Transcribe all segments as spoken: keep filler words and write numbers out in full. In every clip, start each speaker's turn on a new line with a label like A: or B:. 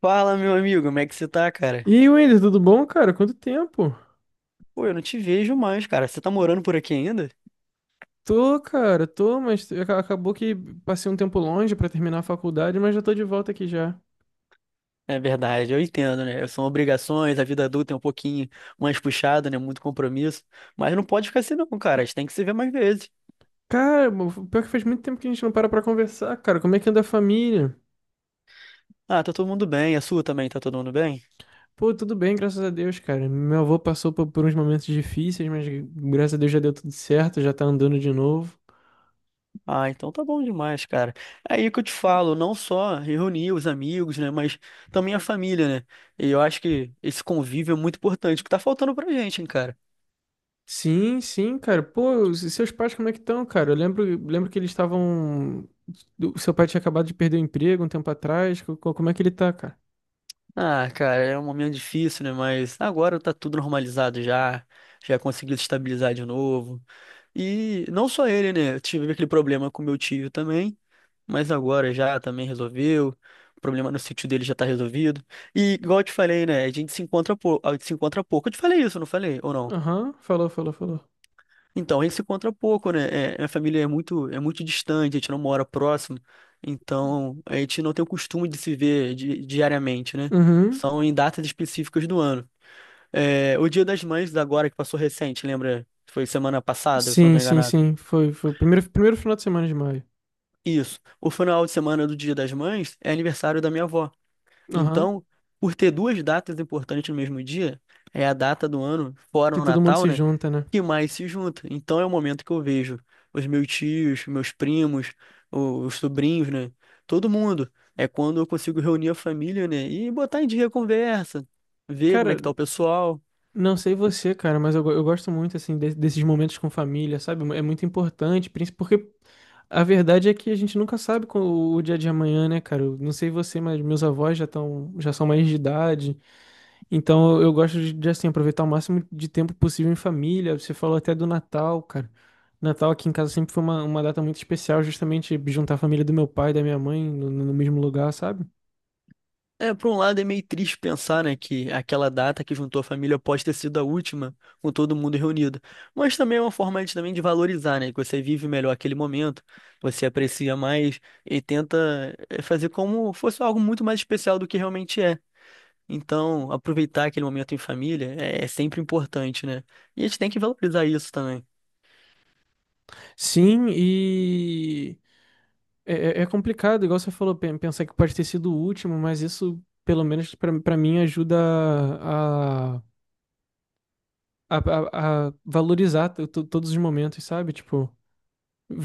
A: Fala, meu amigo, como é que você tá, cara?
B: E Wender, tudo bom, cara? Quanto tempo?
A: Pô, eu não te vejo mais, cara. Você tá morando por aqui ainda?
B: Tô, cara, tô, mas aca- acabou que passei um tempo longe pra terminar a faculdade, mas já tô de volta aqui já.
A: É verdade, eu entendo, né? São obrigações, a vida adulta é um pouquinho mais puxada, né? Muito compromisso. Mas não pode ficar assim, não, cara. A gente tem que se ver mais vezes.
B: Cara, mo- pior que faz muito tempo que a gente não para pra conversar, cara. Como é que anda a família?
A: Ah, tá todo mundo bem. A sua também, tá todo mundo bem?
B: Pô, tudo bem, graças a Deus, cara. Meu avô passou por, por uns momentos difíceis, mas graças a Deus já deu tudo certo, já tá andando de novo.
A: Ah, então tá bom demais, cara. É aí que eu te falo, não só reunir os amigos, né? Mas também a família, né? E eu acho que esse convívio é muito importante, o que tá faltando pra gente, hein, cara.
B: Sim, sim, cara. Pô, e seus pais como é que estão, cara? Eu lembro, lembro que eles estavam. O seu pai tinha acabado de perder o emprego um tempo atrás. Co- co- Como é que ele tá, cara?
A: Ah, cara, é um momento difícil, né? Mas agora tá tudo normalizado já. Já consegui estabilizar de novo. E não só ele, né? Eu tive aquele problema com meu tio também, mas agora já também resolveu. O problema no sítio dele já tá resolvido. E igual eu te falei, né? A gente se encontra, pou- a gente se encontra pouco. Eu te falei isso, não falei? Ou não?
B: Aham, falou, falou, falou.
A: Então, a gente se encontra pouco, né? É, minha família é muito, é muito distante, a gente não mora próximo. Então, a gente não tem o costume de se ver di- diariamente, né?
B: Uhum.
A: São em datas específicas do ano. É, o Dia das Mães agora que passou recente, lembra? Foi semana passada, se eu não
B: Sim,
A: estou
B: sim,
A: enganado.
B: sim. Foi, foi o primeiro, primeiro final de semana de maio.
A: Isso. O final de semana do Dia das Mães é aniversário da minha avó.
B: Aham.
A: Então, por ter duas datas importantes no mesmo dia, é a data do ano, fora
B: Que
A: o
B: todo mundo
A: Natal,
B: se
A: né?
B: junta, né?
A: Que mais se junta. Então é o momento que eu vejo os meus tios, meus primos, o- os sobrinhos, né? Todo mundo. É quando eu consigo reunir a família, né? E botar em dia a conversa, ver como é
B: Cara,
A: que tá o pessoal.
B: não sei você, cara, mas eu, go- eu gosto muito, assim, de- desses momentos com família, sabe? É muito importante, princi- porque a verdade é que a gente nunca sabe com o, o dia de amanhã, né, cara? Eu não sei você, mas meus avós já estão, já são mais de idade. Então eu gosto de, de, assim, aproveitar o máximo de tempo possível em família. Você falou até do Natal, cara. Natal aqui em casa sempre foi uma, uma data muito especial, justamente juntar a família do meu pai e da minha mãe no, no mesmo lugar, sabe?
A: É, por um lado é meio triste pensar, né, que aquela data que juntou a família pode ter sido a última, com todo mundo reunido. Mas também é uma forma de, também de valorizar, né, que você vive melhor aquele momento, você aprecia mais e tenta eh, fazer como fosse algo muito mais especial do que realmente é. Então, aproveitar aquele momento em família é, é sempre importante, né? E a gente tem que valorizar isso também.
B: Sim, e é, é- é complicado, igual você falou, pen- pensar que pode ter sido o último, mas isso, pelo menos pra pra mim, ajuda a, a, a, a valorizar to- to- todos os momentos, sabe? Tipo,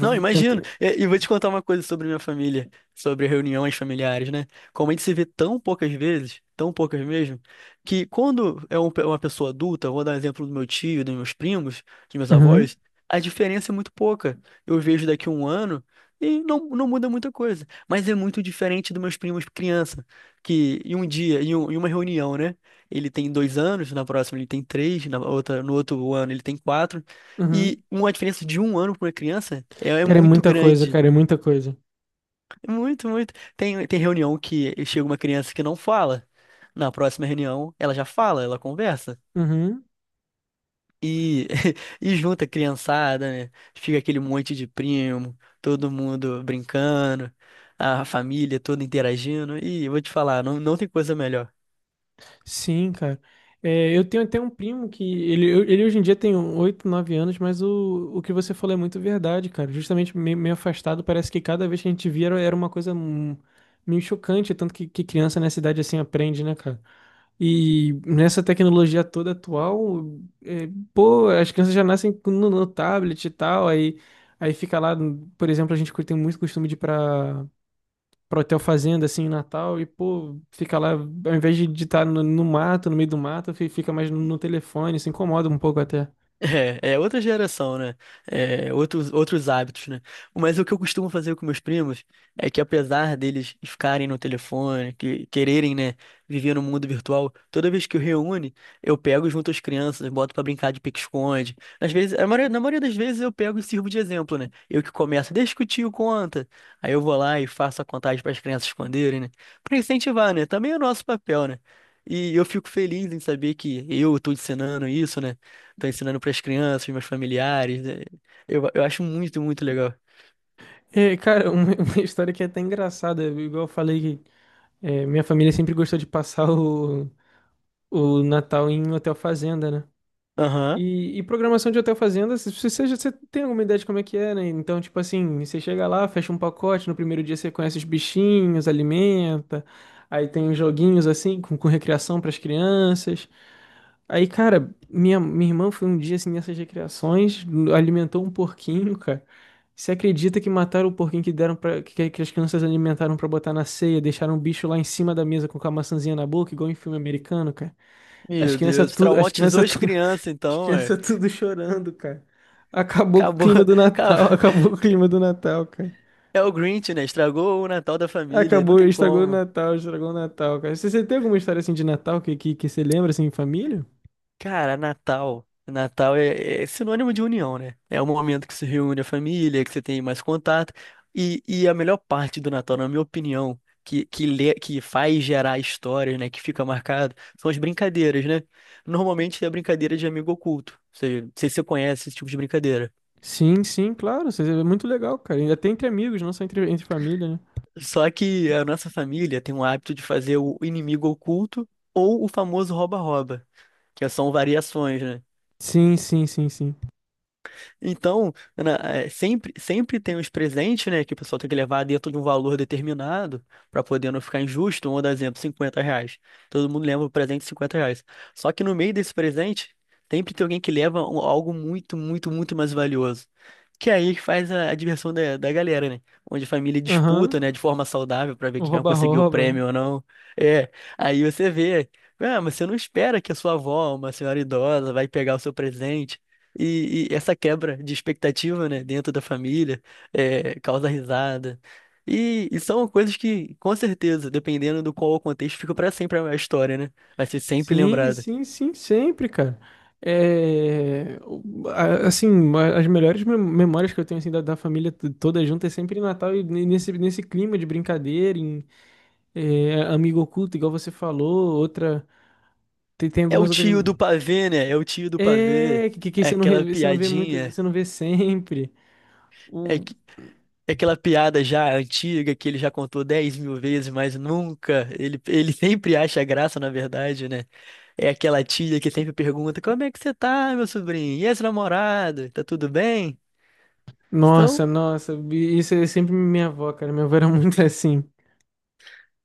A: Não, imagino.
B: tenta...
A: E, e vou te contar uma coisa sobre minha família, sobre reuniões familiares, né? Como a gente se vê tão poucas vezes, tão poucas mesmo, que quando é um pe- uma pessoa adulta, eu vou dar um exemplo do meu tio, dos meus primos, dos meus
B: Uhum,
A: avós, a diferença é muito pouca. Eu vejo daqui a um ano e não, não muda muita coisa. Mas é muito diferente dos meus primos criança, que em um dia, em, um- em uma reunião, né? Ele tem dois anos, na próxima ele tem três, na outra, no outro ano ele tem quatro.
B: uhum.
A: E uma diferença de um ano para uma criança é, é
B: Cara, é
A: muito
B: muita coisa,
A: grande.
B: cara, é muita coisa.
A: Muito, muito. Tem, tem reunião que chega uma criança que não fala. Na próxima reunião, ela já fala, ela conversa.
B: Uhum.
A: E, e junta a criançada, né? Fica aquele monte de primo, todo mundo brincando, a família toda interagindo. E eu vou te falar, não, não tem coisa melhor.
B: Sim, cara. É, eu tenho até um primo que ele, eu- ele hoje em dia tem oito nove anos, mas o, o que você falou é muito verdade, cara. Justamente meio meio, afastado, parece que cada vez que a gente via era, era uma coisa hum, meio chocante, tanto que, que criança nessa idade assim aprende, né, cara? E nessa tecnologia toda atual, é, pô, as crianças já nascem com- no, no tablet e tal, aí, aí fica lá, por exemplo, a gente tem muito costume de ir pra pra hotel fazenda, assim, em Natal, e, pô, fica lá, ao invés de estar no, no mato, no meio do mato, fi- fica mais no, no telefone, se incomoda um pouco até.
A: É, é, outra geração, né? É, outros, outros hábitos, né? Mas o que eu costumo fazer com meus primos é que, apesar deles ficarem no telefone, que quererem, né, viver no mundo virtual, toda vez que eu reúne, eu pego junto as crianças, boto pra brincar de pique-esconde. Às vezes, a maioria- na maioria das vezes eu pego e sirvo de exemplo, né? Eu que começo, deixa que o tio conta. Aí eu vou lá e faço a contagem para as crianças esconderem, né? Pra incentivar, né? Também é o nosso papel, né? E eu fico feliz em saber que eu tô ensinando isso, né? Tô ensinando pras crianças, meus familiares, né? Eu, eu acho muito, muito legal.
B: É, cara, uma, uma história que é até engraçada, igual eu falei que é, minha família sempre gostou de passar o, o Natal em hotel fazenda, né?
A: Aham.
B: E, e programação de hotel fazenda, se se você, já- você tem alguma ideia de como é que é, né? Então, tipo assim, você chega lá, fecha um pacote, no primeiro dia você conhece os bichinhos, alimenta, aí tem uns joguinhos assim, com, com recreação para as crianças. Aí, cara, minha, minha irmã foi um dia assim nessas recreações, alimentou um porquinho, cara. Você acredita que mataram o porquinho que deram para que, que as crianças alimentaram pra botar na ceia, deixaram o bicho lá em cima da mesa com a maçãzinha na boca, igual em filme americano, cara? As
A: Meu
B: crianças
A: Deus,
B: tudo, as
A: traumatizou
B: crianças
A: as
B: tudo,
A: crianças,
B: as
A: então, é.
B: crianças tudo chorando, cara. Acabou com o
A: Acabou,
B: clima do Natal,
A: acabou.
B: acabou com o clima do Natal, cara.
A: É o Grinch, né? Estragou o Natal da família. Não
B: Acabou,
A: tem
B: estragou o
A: como.
B: Natal, estragou o Natal, cara. Você, você tem alguma história assim de Natal que, que, que você lembra assim em família?
A: Cara, Natal. Natal é, é sinônimo de união, né? É o momento que se reúne a família, que você tem mais contato. E, e a melhor parte do Natal, na minha opinião, que, que, lê, que faz gerar histórias, né? Que fica marcado, são as brincadeiras, né? Normalmente é a brincadeira de amigo oculto. Ou seja, não sei se você conhece esse tipo de brincadeira.
B: Sim, sim, claro. Você- é muito legal, cara. E até entre amigos, não só entre, entre família, né?
A: Só que a nossa família tem o hábito de fazer o inimigo oculto ou o famoso rouba-rouba, que são variações, né?
B: Sim, sim, sim, sim.
A: Então, na- é, sempre, sempre tem os presentes, né, que o pessoal tem que levar dentro de um valor determinado para poder não ficar injusto. Vamos dar exemplo, cinquenta reais. Todo mundo leva o presente de cinquenta reais. Só que no meio desse presente, sempre tem alguém que leva um- algo muito, muito, muito mais valioso. Que é aí que faz a, a diversão da, da galera, né? Onde a família
B: Aham.
A: disputa, né, de forma saudável para ver
B: O
A: quem vai conseguir o
B: rouba-rouba.
A: prêmio ou não. É, aí você vê. Ah, mas você não espera que a sua avó, uma senhora idosa, vai pegar o seu presente. E, e essa quebra de expectativa, né, dentro da família, é, causa risada. E, e são coisas que, com certeza, dependendo do qual o contexto, fica para sempre a história, né? Vai ser sempre
B: Sim,
A: lembrada.
B: sim, sim, sempre, cara. É, o- a- assim, a- as melhores mem- memórias que eu tenho assim, da, da família t- toda junta é sempre em Natal e ne- nesse, nesse clima de brincadeira, em é, amigo oculto, igual você falou, outra. Tem, tem
A: É o
B: algumas outras.
A: tio do pavê, né? É o tio do pavê.
B: É, que, que que
A: É
B: você não
A: aquela
B: revê, você não vê muito,
A: piadinha.
B: você não vê sempre.
A: É,
B: O-
A: que- é aquela piada já antiga que ele já contou dez mil vezes, mas nunca. Ele, ele sempre acha graça, na verdade, né? É aquela tia que sempre pergunta: Como é que você tá, meu sobrinho? E esse namorado? Tá tudo bem? Então,
B: nossa, nossa, isso é sempre minha avó, cara. Minha avó era muito assim.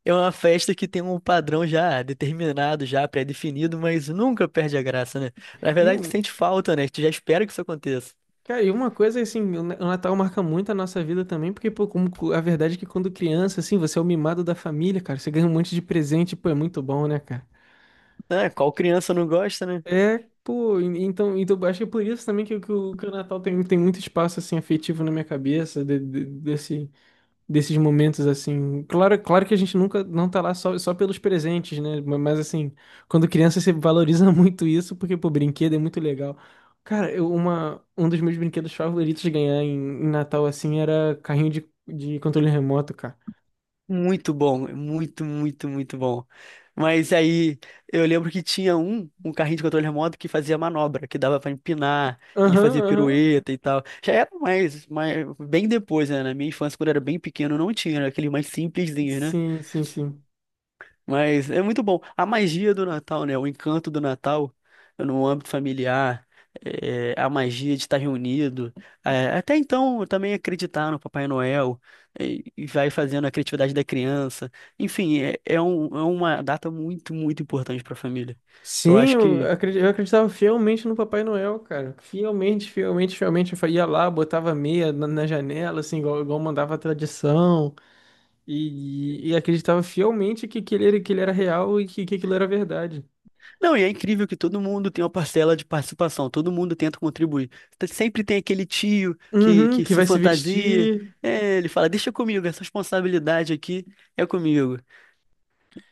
A: é uma festa que tem um padrão já determinado, já pré-definido, mas nunca perde a graça, né? Na
B: E
A: verdade, tu
B: um
A: sente falta, né? Tu já espera que isso aconteça.
B: cara, e uma coisa assim, o Na- o Natal marca muito a nossa vida também, porque, pô, como cu- a verdade é que quando criança, assim, você é o mimado da família, cara, você ganha um monte de presente, pô, é muito bom, né, cara?
A: Ah, qual criança não gosta, né?
B: É, pô, en- então, então acho que é por isso também que, o, que o que o Natal tem, tem muito espaço, assim, afetivo na minha cabeça, de- de- desse desses momentos assim. Claro, claro que a gente nunca não tá lá só, só pelos presentes, né? Ma- Mas assim, quando criança você valoriza muito isso, porque pô, brinquedo é muito legal. Cara, eu, uma, um dos meus brinquedos favoritos de ganhar em, em Natal assim era carrinho de, de controle remoto, cara.
A: Muito bom, muito, muito, muito bom. Mas aí eu lembro que tinha um, um carrinho de controle remoto que fazia manobra, que dava pra empinar, ele
B: Aham,
A: fazia
B: aham.
A: pirueta e tal. Já era mais, mais bem depois, né? Na minha infância, quando eu era bem pequeno, não tinha, era aquele mais simplesinho, né?
B: Sim, sim, sim.
A: Mas é muito bom. A magia do Natal, né? O encanto do Natal no âmbito familiar, é, a magia de estar reunido. É, até então, eu também acreditar no Papai Noel e, e vai fazendo a criatividade da criança. Enfim, é, é um- é uma data muito, muito importante para a família. Eu
B: Sim,
A: acho
B: eu
A: que.
B: acredi- eu acreditava fielmente no Papai Noel, cara. Fielmente, fielmente, fielmente. Eu fa- ia lá, botava meia na, na janela, assim, igual, igual mandava a tradição. E, e acreditava fielmente que, que, ele, era- que ele era real e que, que aquilo era verdade.
A: Não, e é incrível que todo mundo tem uma parcela de participação, todo mundo tenta contribuir. Sempre tem aquele tio que,
B: Uhum,
A: que
B: que
A: se
B: vai se
A: fantasia.
B: vestir.
A: é, ele fala, deixa comigo, essa responsabilidade aqui é comigo.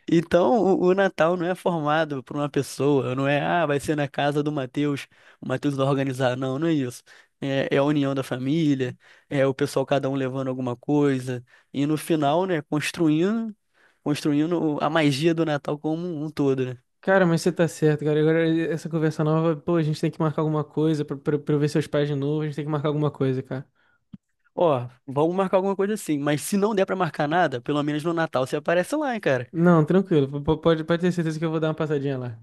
A: Então, o, o Natal não é formado por uma pessoa, não é, ah, vai ser na casa do Matheus, o Matheus vai organizar. Não, não é isso. É, é a união da família, é o pessoal cada um levando alguma coisa, e no final, né, construindo, construindo o- a magia do Natal como um todo, né?
B: Cara, mas você tá certo, cara. Agora essa conversa nova, pô, a gente tem que marcar alguma coisa pra, pra, pra eu ver seus pais de novo. A gente tem que marcar alguma coisa, cara.
A: Ó, vamos marcar alguma coisa assim, mas se não der pra marcar nada, pelo menos no Natal você aparece lá, hein, cara.
B: Não, tranquilo. P- p- Pode, pode ter certeza que eu vou dar uma passadinha lá.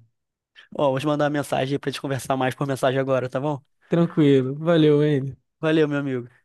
A: Ó, vou te mandar uma mensagem aí pra te conversar mais por mensagem agora, tá bom?
B: Tranquilo. Valeu, Andy.
A: Valeu, meu amigo.